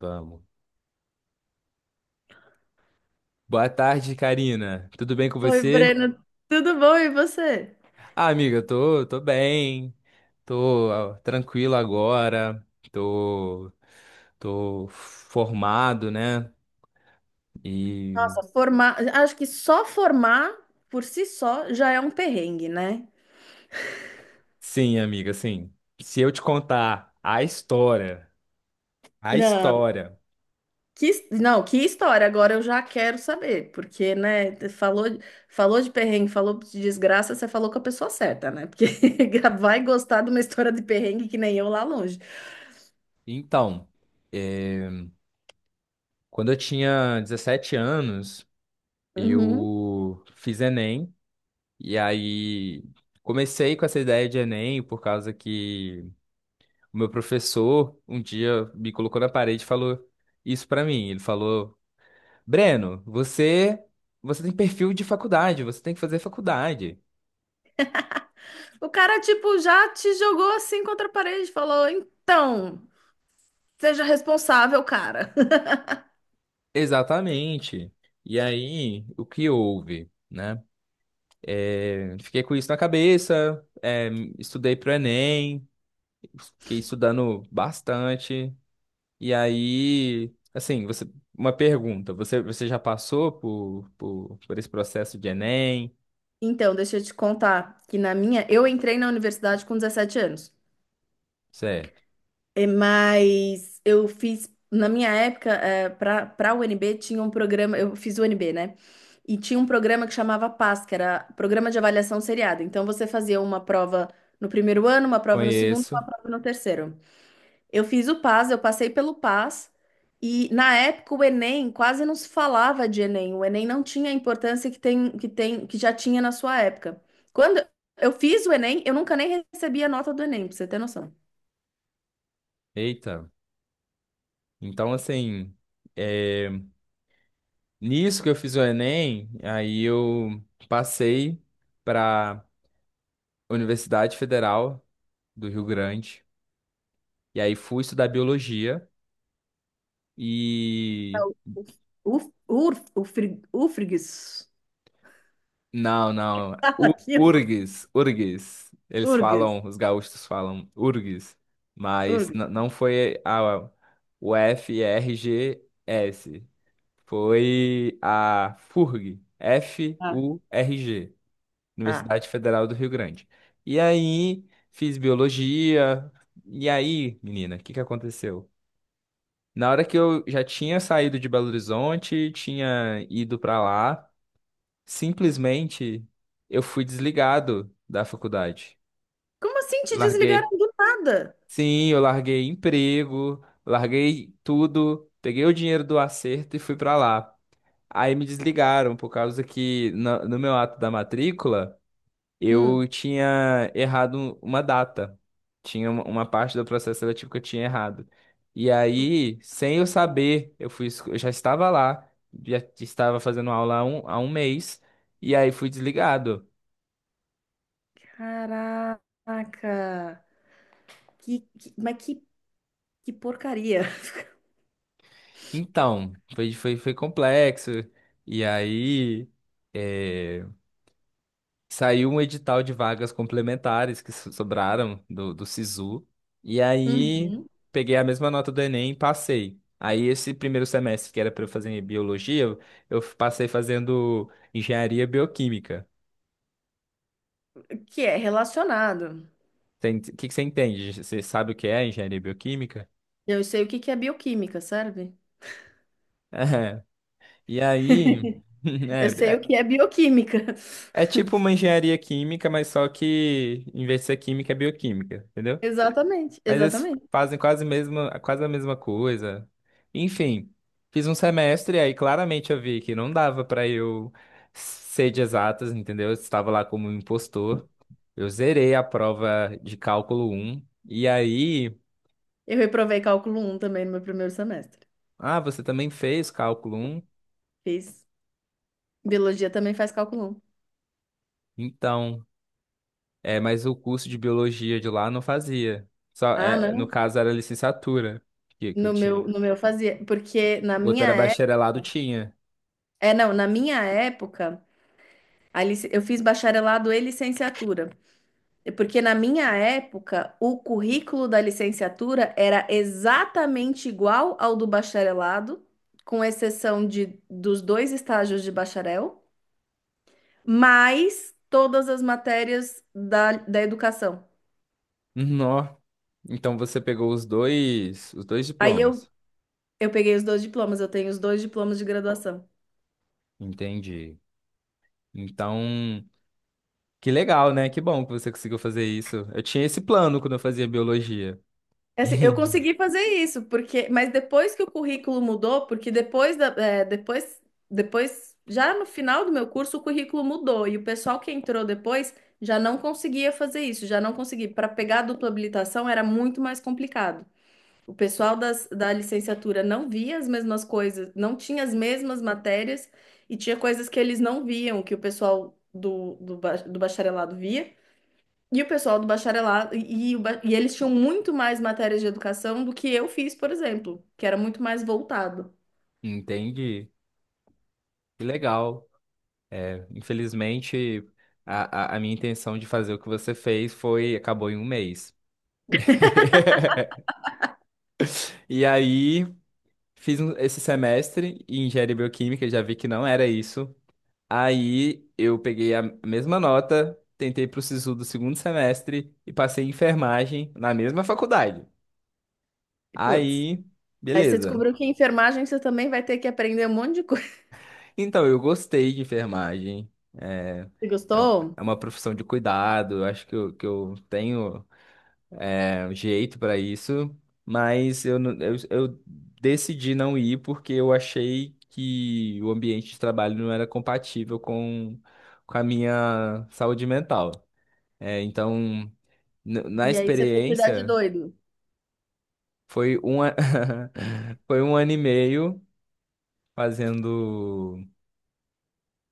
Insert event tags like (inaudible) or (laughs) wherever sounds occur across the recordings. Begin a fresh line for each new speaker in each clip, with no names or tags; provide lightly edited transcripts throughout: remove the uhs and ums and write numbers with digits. Vamos. Boa tarde, Karina. Tudo bem com
Oi,
você?
Breno, tudo bom? E você?
Ah, amiga, eu tô bem. Tô tranquilo agora. Tô, tô formado, né? E
Nossa, formar, acho que só formar por si só já é um perrengue, né?
sim, amiga, sim. Se eu te contar a história, a
Não,
história.
não, que história, agora eu já quero saber, porque, né, falou, falou de perrengue, falou de desgraça, você falou com a pessoa certa, né? Porque (laughs) já vai gostar de uma história de perrengue que nem eu lá longe.
Então, eh, quando eu tinha 17 anos,
Uhum.
eu fiz Enem e aí comecei com essa ideia de Enem por causa que o meu professor um dia me colocou na parede e falou isso pra mim. Ele falou: Breno, você tem perfil de faculdade, você tem que fazer faculdade.
O cara, tipo, já te jogou assim contra a parede, falou, então, seja responsável, cara. (laughs)
Exatamente. E aí, o que houve, né? É, fiquei com isso na cabeça, é, estudei pro Enem, fiquei estudando bastante. E aí, assim, você, uma pergunta, você já passou por esse processo de Enem?
Então, deixa eu te contar que na minha, eu entrei na universidade com 17 anos.
Certo.
Mas eu fiz, na minha época, para a UNB tinha um programa, eu fiz UNB, né? E tinha um programa que chamava PAS, que era Programa de Avaliação Seriada. Então você fazia uma prova no primeiro ano, uma prova no segundo, uma
Conheço.
prova no terceiro. Eu fiz o PAS, eu passei pelo PAS, e na época o Enem quase não se falava de Enem. O Enem não tinha a importância que tem, que já tinha na sua época. Quando eu fiz o Enem, eu nunca nem recebi a nota do Enem, pra você ter noção.
Eita. Então, assim, é, nisso que eu fiz o Enem, aí eu passei para Universidade Federal do Rio Grande. E aí fui estudar biologia.
É
E.
o Uf, urf, ufrig, Ufrigs.
Não,
(laughs)
não.
Fala aquilo.
URGS, URGS. Eles
Urgs.
falam, os gaúchos falam URGS. Mas
Urgs.
não foi a UFRGS. Foi a FURG.
Ah,
FURG.
ah.
Universidade Federal do Rio Grande. E aí, fiz biologia. E aí, menina, o que que aconteceu? Na hora que eu já tinha saído de Belo Horizonte, tinha ido pra lá, simplesmente eu fui desligado da faculdade.
Como assim te desligaram
Larguei.
do nada?
Sim, eu larguei emprego, larguei tudo, peguei o dinheiro do acerto e fui pra lá. Aí me desligaram por causa que no meu ato da matrícula eu
Hum.
tinha errado uma data. Tinha uma parte do processo seletivo que eu tinha errado. E
Puta.
aí, sem eu saber, eu já estava lá, já estava fazendo aula há um mês, e aí fui desligado.
Caraca. Que, que- mas que, que porcaria.
Então, foi complexo. E aí, eh, saiu um edital de vagas complementares que sobraram do Sisu. E aí
Uhum.
peguei a mesma nota do Enem e passei. Aí esse primeiro semestre que era para eu fazer biologia, eu passei fazendo engenharia bioquímica.
Que é relacionado.
O que que você entende? Você sabe o que é engenharia bioquímica?
Eu sei o que é bioquímica, sabe?
(laughs) É. E aí, (laughs)
(laughs) Eu
é,
sei o
é,
que é bioquímica. (laughs)
é tipo uma engenharia química, mas só que em vez de ser química, é bioquímica, entendeu?
Exatamente,
Mas eles
exatamente.
fazem quase a mesma coisa. Enfim, fiz um semestre e aí claramente eu vi que não dava pra eu ser de exatas, entendeu? Eu estava lá como um impostor. Eu zerei a prova de cálculo um. E aí,
Eu reprovei cálculo um também no meu primeiro semestre.
ah, você também fez cálculo um?
Fiz. Biologia também faz cálculo um.
Então, é, mas o curso de biologia de lá não fazia. Só,
Ah,
é, no
não.
caso era licenciatura que eu tinha.
No meu fazia, porque na
O outro
minha
era
época,
bacharelado, tinha.
é, não, na minha época, eu fiz bacharelado e licenciatura. Porque na minha época, o currículo da licenciatura era exatamente igual ao do bacharelado, com exceção de, dos dois estágios de bacharel, mais todas as matérias da, da educação.
Nó. Então você pegou os dois
Aí eu,
diplomas.
eu peguei os dois diplomas, eu tenho os dois diplomas de graduação.
Entendi. Então, que legal, né? Que bom que você conseguiu fazer isso. Eu tinha esse plano quando eu fazia biologia.
Assim, eu
(laughs)
consegui fazer isso, porque, mas depois que o currículo mudou, porque depois da, é, depois, depois, já no final do meu curso, o currículo mudou e o pessoal que entrou depois já não conseguia fazer isso, já não conseguia. Para pegar a dupla habilitação era muito mais complicado. O pessoal da licenciatura não via as mesmas coisas, não tinha as mesmas matérias e tinha coisas que eles não viam, que o pessoal do bacharelado via. E o pessoal do bacharelado, e eles tinham muito mais matérias de educação do que eu fiz, por exemplo, que era muito mais voltado.
Entendi. Que legal. É, infelizmente, a minha intenção de fazer o que você fez acabou em um mês. (laughs) E aí, fiz esse semestre em engenharia bioquímica, já vi que não era isso. Aí eu peguei a mesma nota, tentei pro SISU do segundo semestre e passei em enfermagem na mesma faculdade.
E, putz,
Aí,
aí você
beleza.
descobriu que em enfermagem você também vai ter que aprender um monte de coisa. (laughs)
Então, eu gostei de enfermagem. É,
Você gostou?
é uma profissão de cuidado, eu acho que eu tenho é, jeito para isso, mas eu decidi não ir porque eu achei que o ambiente de trabalho não era compatível com a minha saúde mental. É, então. Na
E aí você foi cuidar de
experiência,
doido.
foi um, a- (laughs) foi um ano e meio fazendo.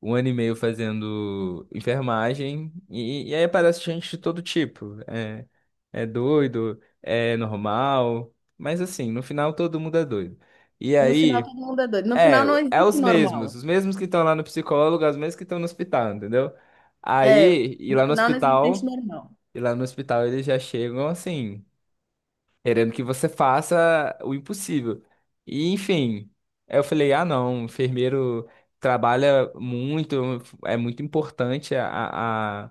Um ano e meio fazendo enfermagem. E aí aparece gente de todo tipo. É, é doido, é normal. Mas assim, no final todo mundo é doido. E
No final
aí,
todo mundo é doido. No
é,
final não
é
existe
os
normal.
mesmos. Os mesmos que estão lá no psicólogo, é os mesmos que estão no hospital, entendeu?
É,
Aí, e lá
no
no
final não existe gente
hospital.
normal.
E lá no hospital eles já chegam assim, querendo que você faça o impossível. E, enfim, aí eu falei, ah, não, enfermeiro trabalha muito, é muito importante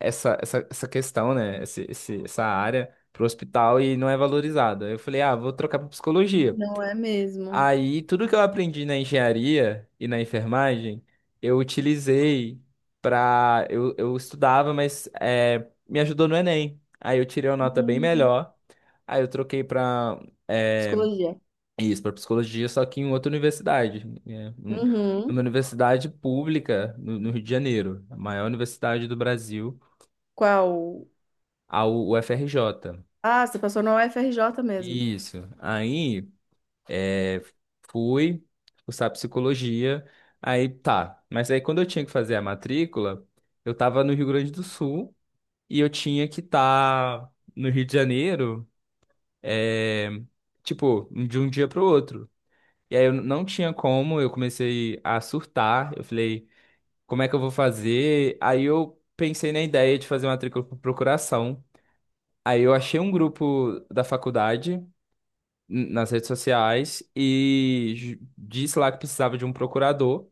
essa questão, né? Essa área para o hospital e não é valorizada. Aí eu falei, ah, vou trocar para psicologia.
Não é mesmo.
Aí, tudo que eu aprendi na engenharia e na enfermagem, eu utilizei pra. Eu estudava, mas é, me ajudou no Enem. Aí eu tirei uma nota bem
Hum,
melhor. Aí eu troquei pra é,
psicologia.
isso, pra psicologia, só que em outra universidade, né? Uma
Uhum.
universidade pública no Rio de Janeiro, a maior universidade do Brasil,
Qual?
a UFRJ.
Ah, você passou na UFRJ mesmo.
Isso. Aí. É, fui cursar psicologia. Aí tá. Mas aí quando eu tinha que fazer a matrícula, eu tava no Rio Grande do Sul e eu tinha que estar no Rio de Janeiro, é, tipo, de um dia pro outro. E aí eu não tinha como, eu comecei a surtar. Eu falei, como é que eu vou fazer? Aí eu pensei na ideia de fazer matrícula por procuração. Aí eu achei um grupo da faculdade nas redes sociais e disse lá que precisava de um procurador.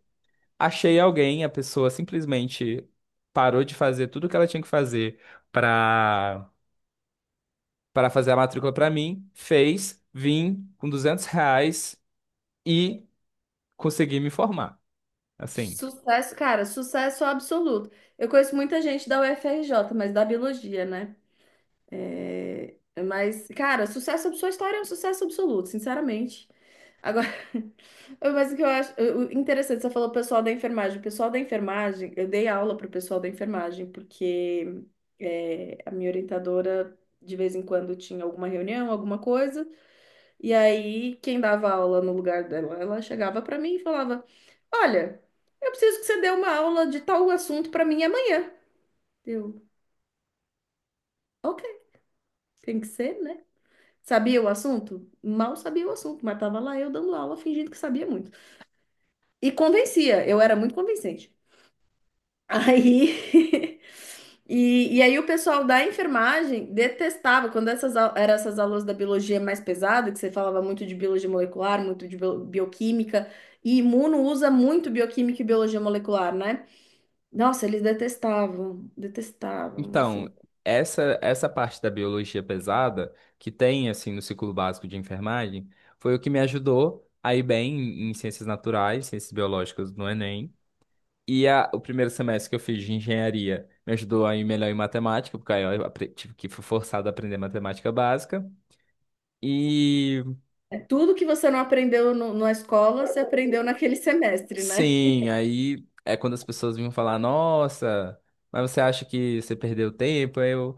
Achei alguém, a pessoa simplesmente parou de fazer tudo o que ela tinha que fazer para para fazer a matrícula para mim, fez, vim com R$ 200 e consegui me formar. Assim,
Sucesso, cara, sucesso absoluto. Eu conheço muita gente da UFRJ, mas da biologia, né? É, mas, cara, sucesso, sua história é um sucesso absoluto, sinceramente. Agora, (laughs) mas o que eu acho o interessante, você falou pessoal da enfermagem. O pessoal da enfermagem, eu dei aula pro pessoal da enfermagem, porque é, a minha orientadora, de vez em quando, tinha alguma reunião, alguma coisa. E aí, quem dava aula no lugar dela, ela chegava para mim e falava: Olha, eu preciso que você dê uma aula de tal assunto para mim amanhã. Eu, ok, tem que ser, né? Sabia o assunto? Mal sabia o assunto, mas tava lá eu dando aula fingindo que sabia muito. E convencia, eu era muito convincente. Aí. (laughs) E aí o pessoal da enfermagem detestava quando eram essas aulas da biologia mais pesada, que você falava muito de biologia molecular, bioquímica, e imuno usa muito bioquímica e biologia molecular, né? Nossa, eles detestavam, detestavam,
então,
assim.
essa parte da biologia pesada que tem assim no ciclo básico de enfermagem foi o que me ajudou a ir bem em ciências naturais, ciências biológicas no Enem. E o primeiro semestre que eu fiz de engenharia me ajudou a ir melhor em matemática, porque aí eu tive que fui forçado a aprender matemática básica. E
É tudo que você não aprendeu na escola, você aprendeu naquele semestre, né?
sim, aí é quando as pessoas vinham falar, nossa, mas você acha que você perdeu tempo? Aí eu,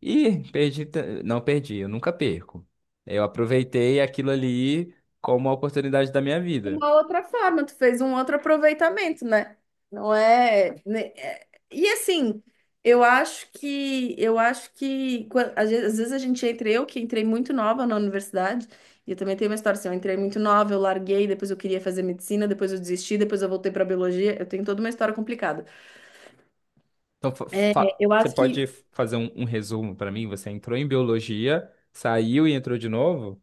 ih, perdi, não perdi, eu nunca perco. Eu aproveitei aquilo ali como uma oportunidade da minha
De
vida.
uma outra forma, tu fez um outro aproveitamento, né? Não é, né, é- E assim, eu acho que às vezes a gente entra, eu que entrei muito nova na universidade, e eu também tenho uma história assim, eu entrei muito nova, eu larguei, depois eu queria fazer medicina, depois eu desisti, depois eu voltei para biologia, eu tenho toda uma história complicada.
Então,
É, eu
você
acho que
pode fazer um resumo para mim? Você entrou em biologia, saiu e entrou de novo?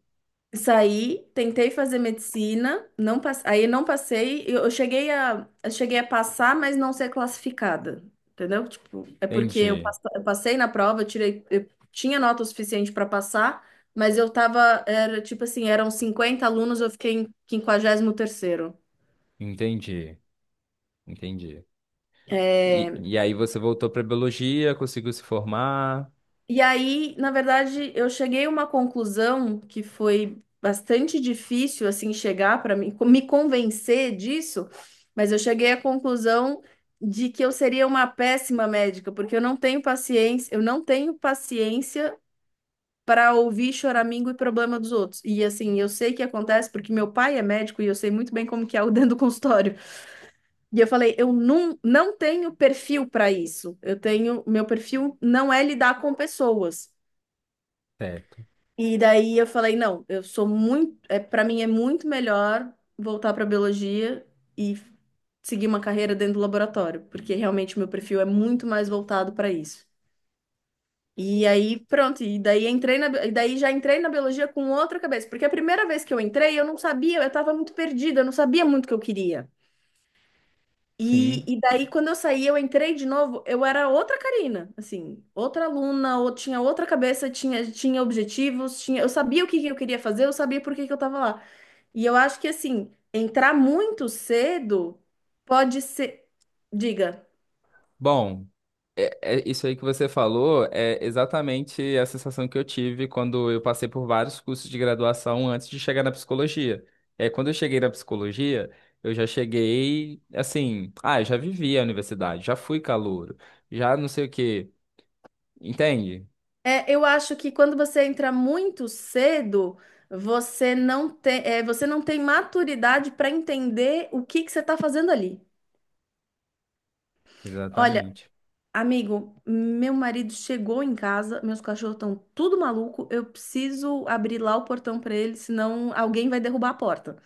saí, tentei fazer medicina, não pass... aí não passei. Eu cheguei a... eu cheguei a passar, mas não ser classificada, entendeu? Tipo, é porque
Entendi.
eu passei na prova, eu tirei, eu tinha nota o suficiente para passar, mas eu tava, era tipo assim, eram 50 alunos, eu fiquei em quinquagésimo terceiro.
Entendi, entendi. E,
É,
e aí você voltou para biologia, conseguiu se formar,
e aí, na verdade, eu cheguei a uma conclusão que foi bastante difícil assim chegar para mim, me convencer disso, mas eu cheguei à conclusão de que eu seria uma péssima médica, porque eu não tenho paciência, eu não tenho paciência para ouvir choramingo e problema dos outros. E assim, eu sei que acontece porque meu pai é médico e eu sei muito bem como que é o (laughs) dentro do consultório. E eu falei, eu não, não tenho perfil para isso. Meu perfil não é lidar com pessoas.
certo?
E daí eu falei, não, eu sou muito, é, para mim é muito melhor voltar para biologia e seguir uma carreira dentro do laboratório, porque realmente meu perfil é muito mais voltado para isso. E aí, pronto, e daí e daí já entrei na biologia com outra cabeça, porque a primeira vez que eu entrei, eu não sabia, eu estava muito perdida, eu não sabia muito o que eu queria. E,
Sim.
e daí, quando eu saí, eu entrei de novo, eu era outra Karina, assim, outra aluna, ou tinha outra cabeça, tinha objetivos, tinha, eu sabia o que eu queria fazer, eu sabia por que que eu tava lá. E eu acho que, assim, entrar muito cedo pode ser. Diga.
Bom, é isso aí que você falou é exatamente a sensação que eu tive quando eu passei por vários cursos de graduação antes de chegar na psicologia. É, quando eu cheguei na psicologia, eu já cheguei assim, ah, eu já vivi a universidade, já fui calouro, já não sei o quê. Entende?
É, eu acho que quando você entra muito cedo, você não tem maturidade para entender o que que você está fazendo ali. Olha,
Exatamente.
amigo, meu marido chegou em casa, meus cachorros estão tudo maluco, eu preciso abrir lá o portão para ele, senão alguém vai derrubar a porta.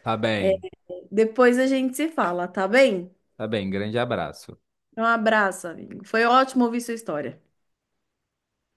Tá bem,
Depois a gente se fala, tá bem?
tá bem. Grande abraço.
Um abraço, amigo. Foi ótimo ouvir sua história.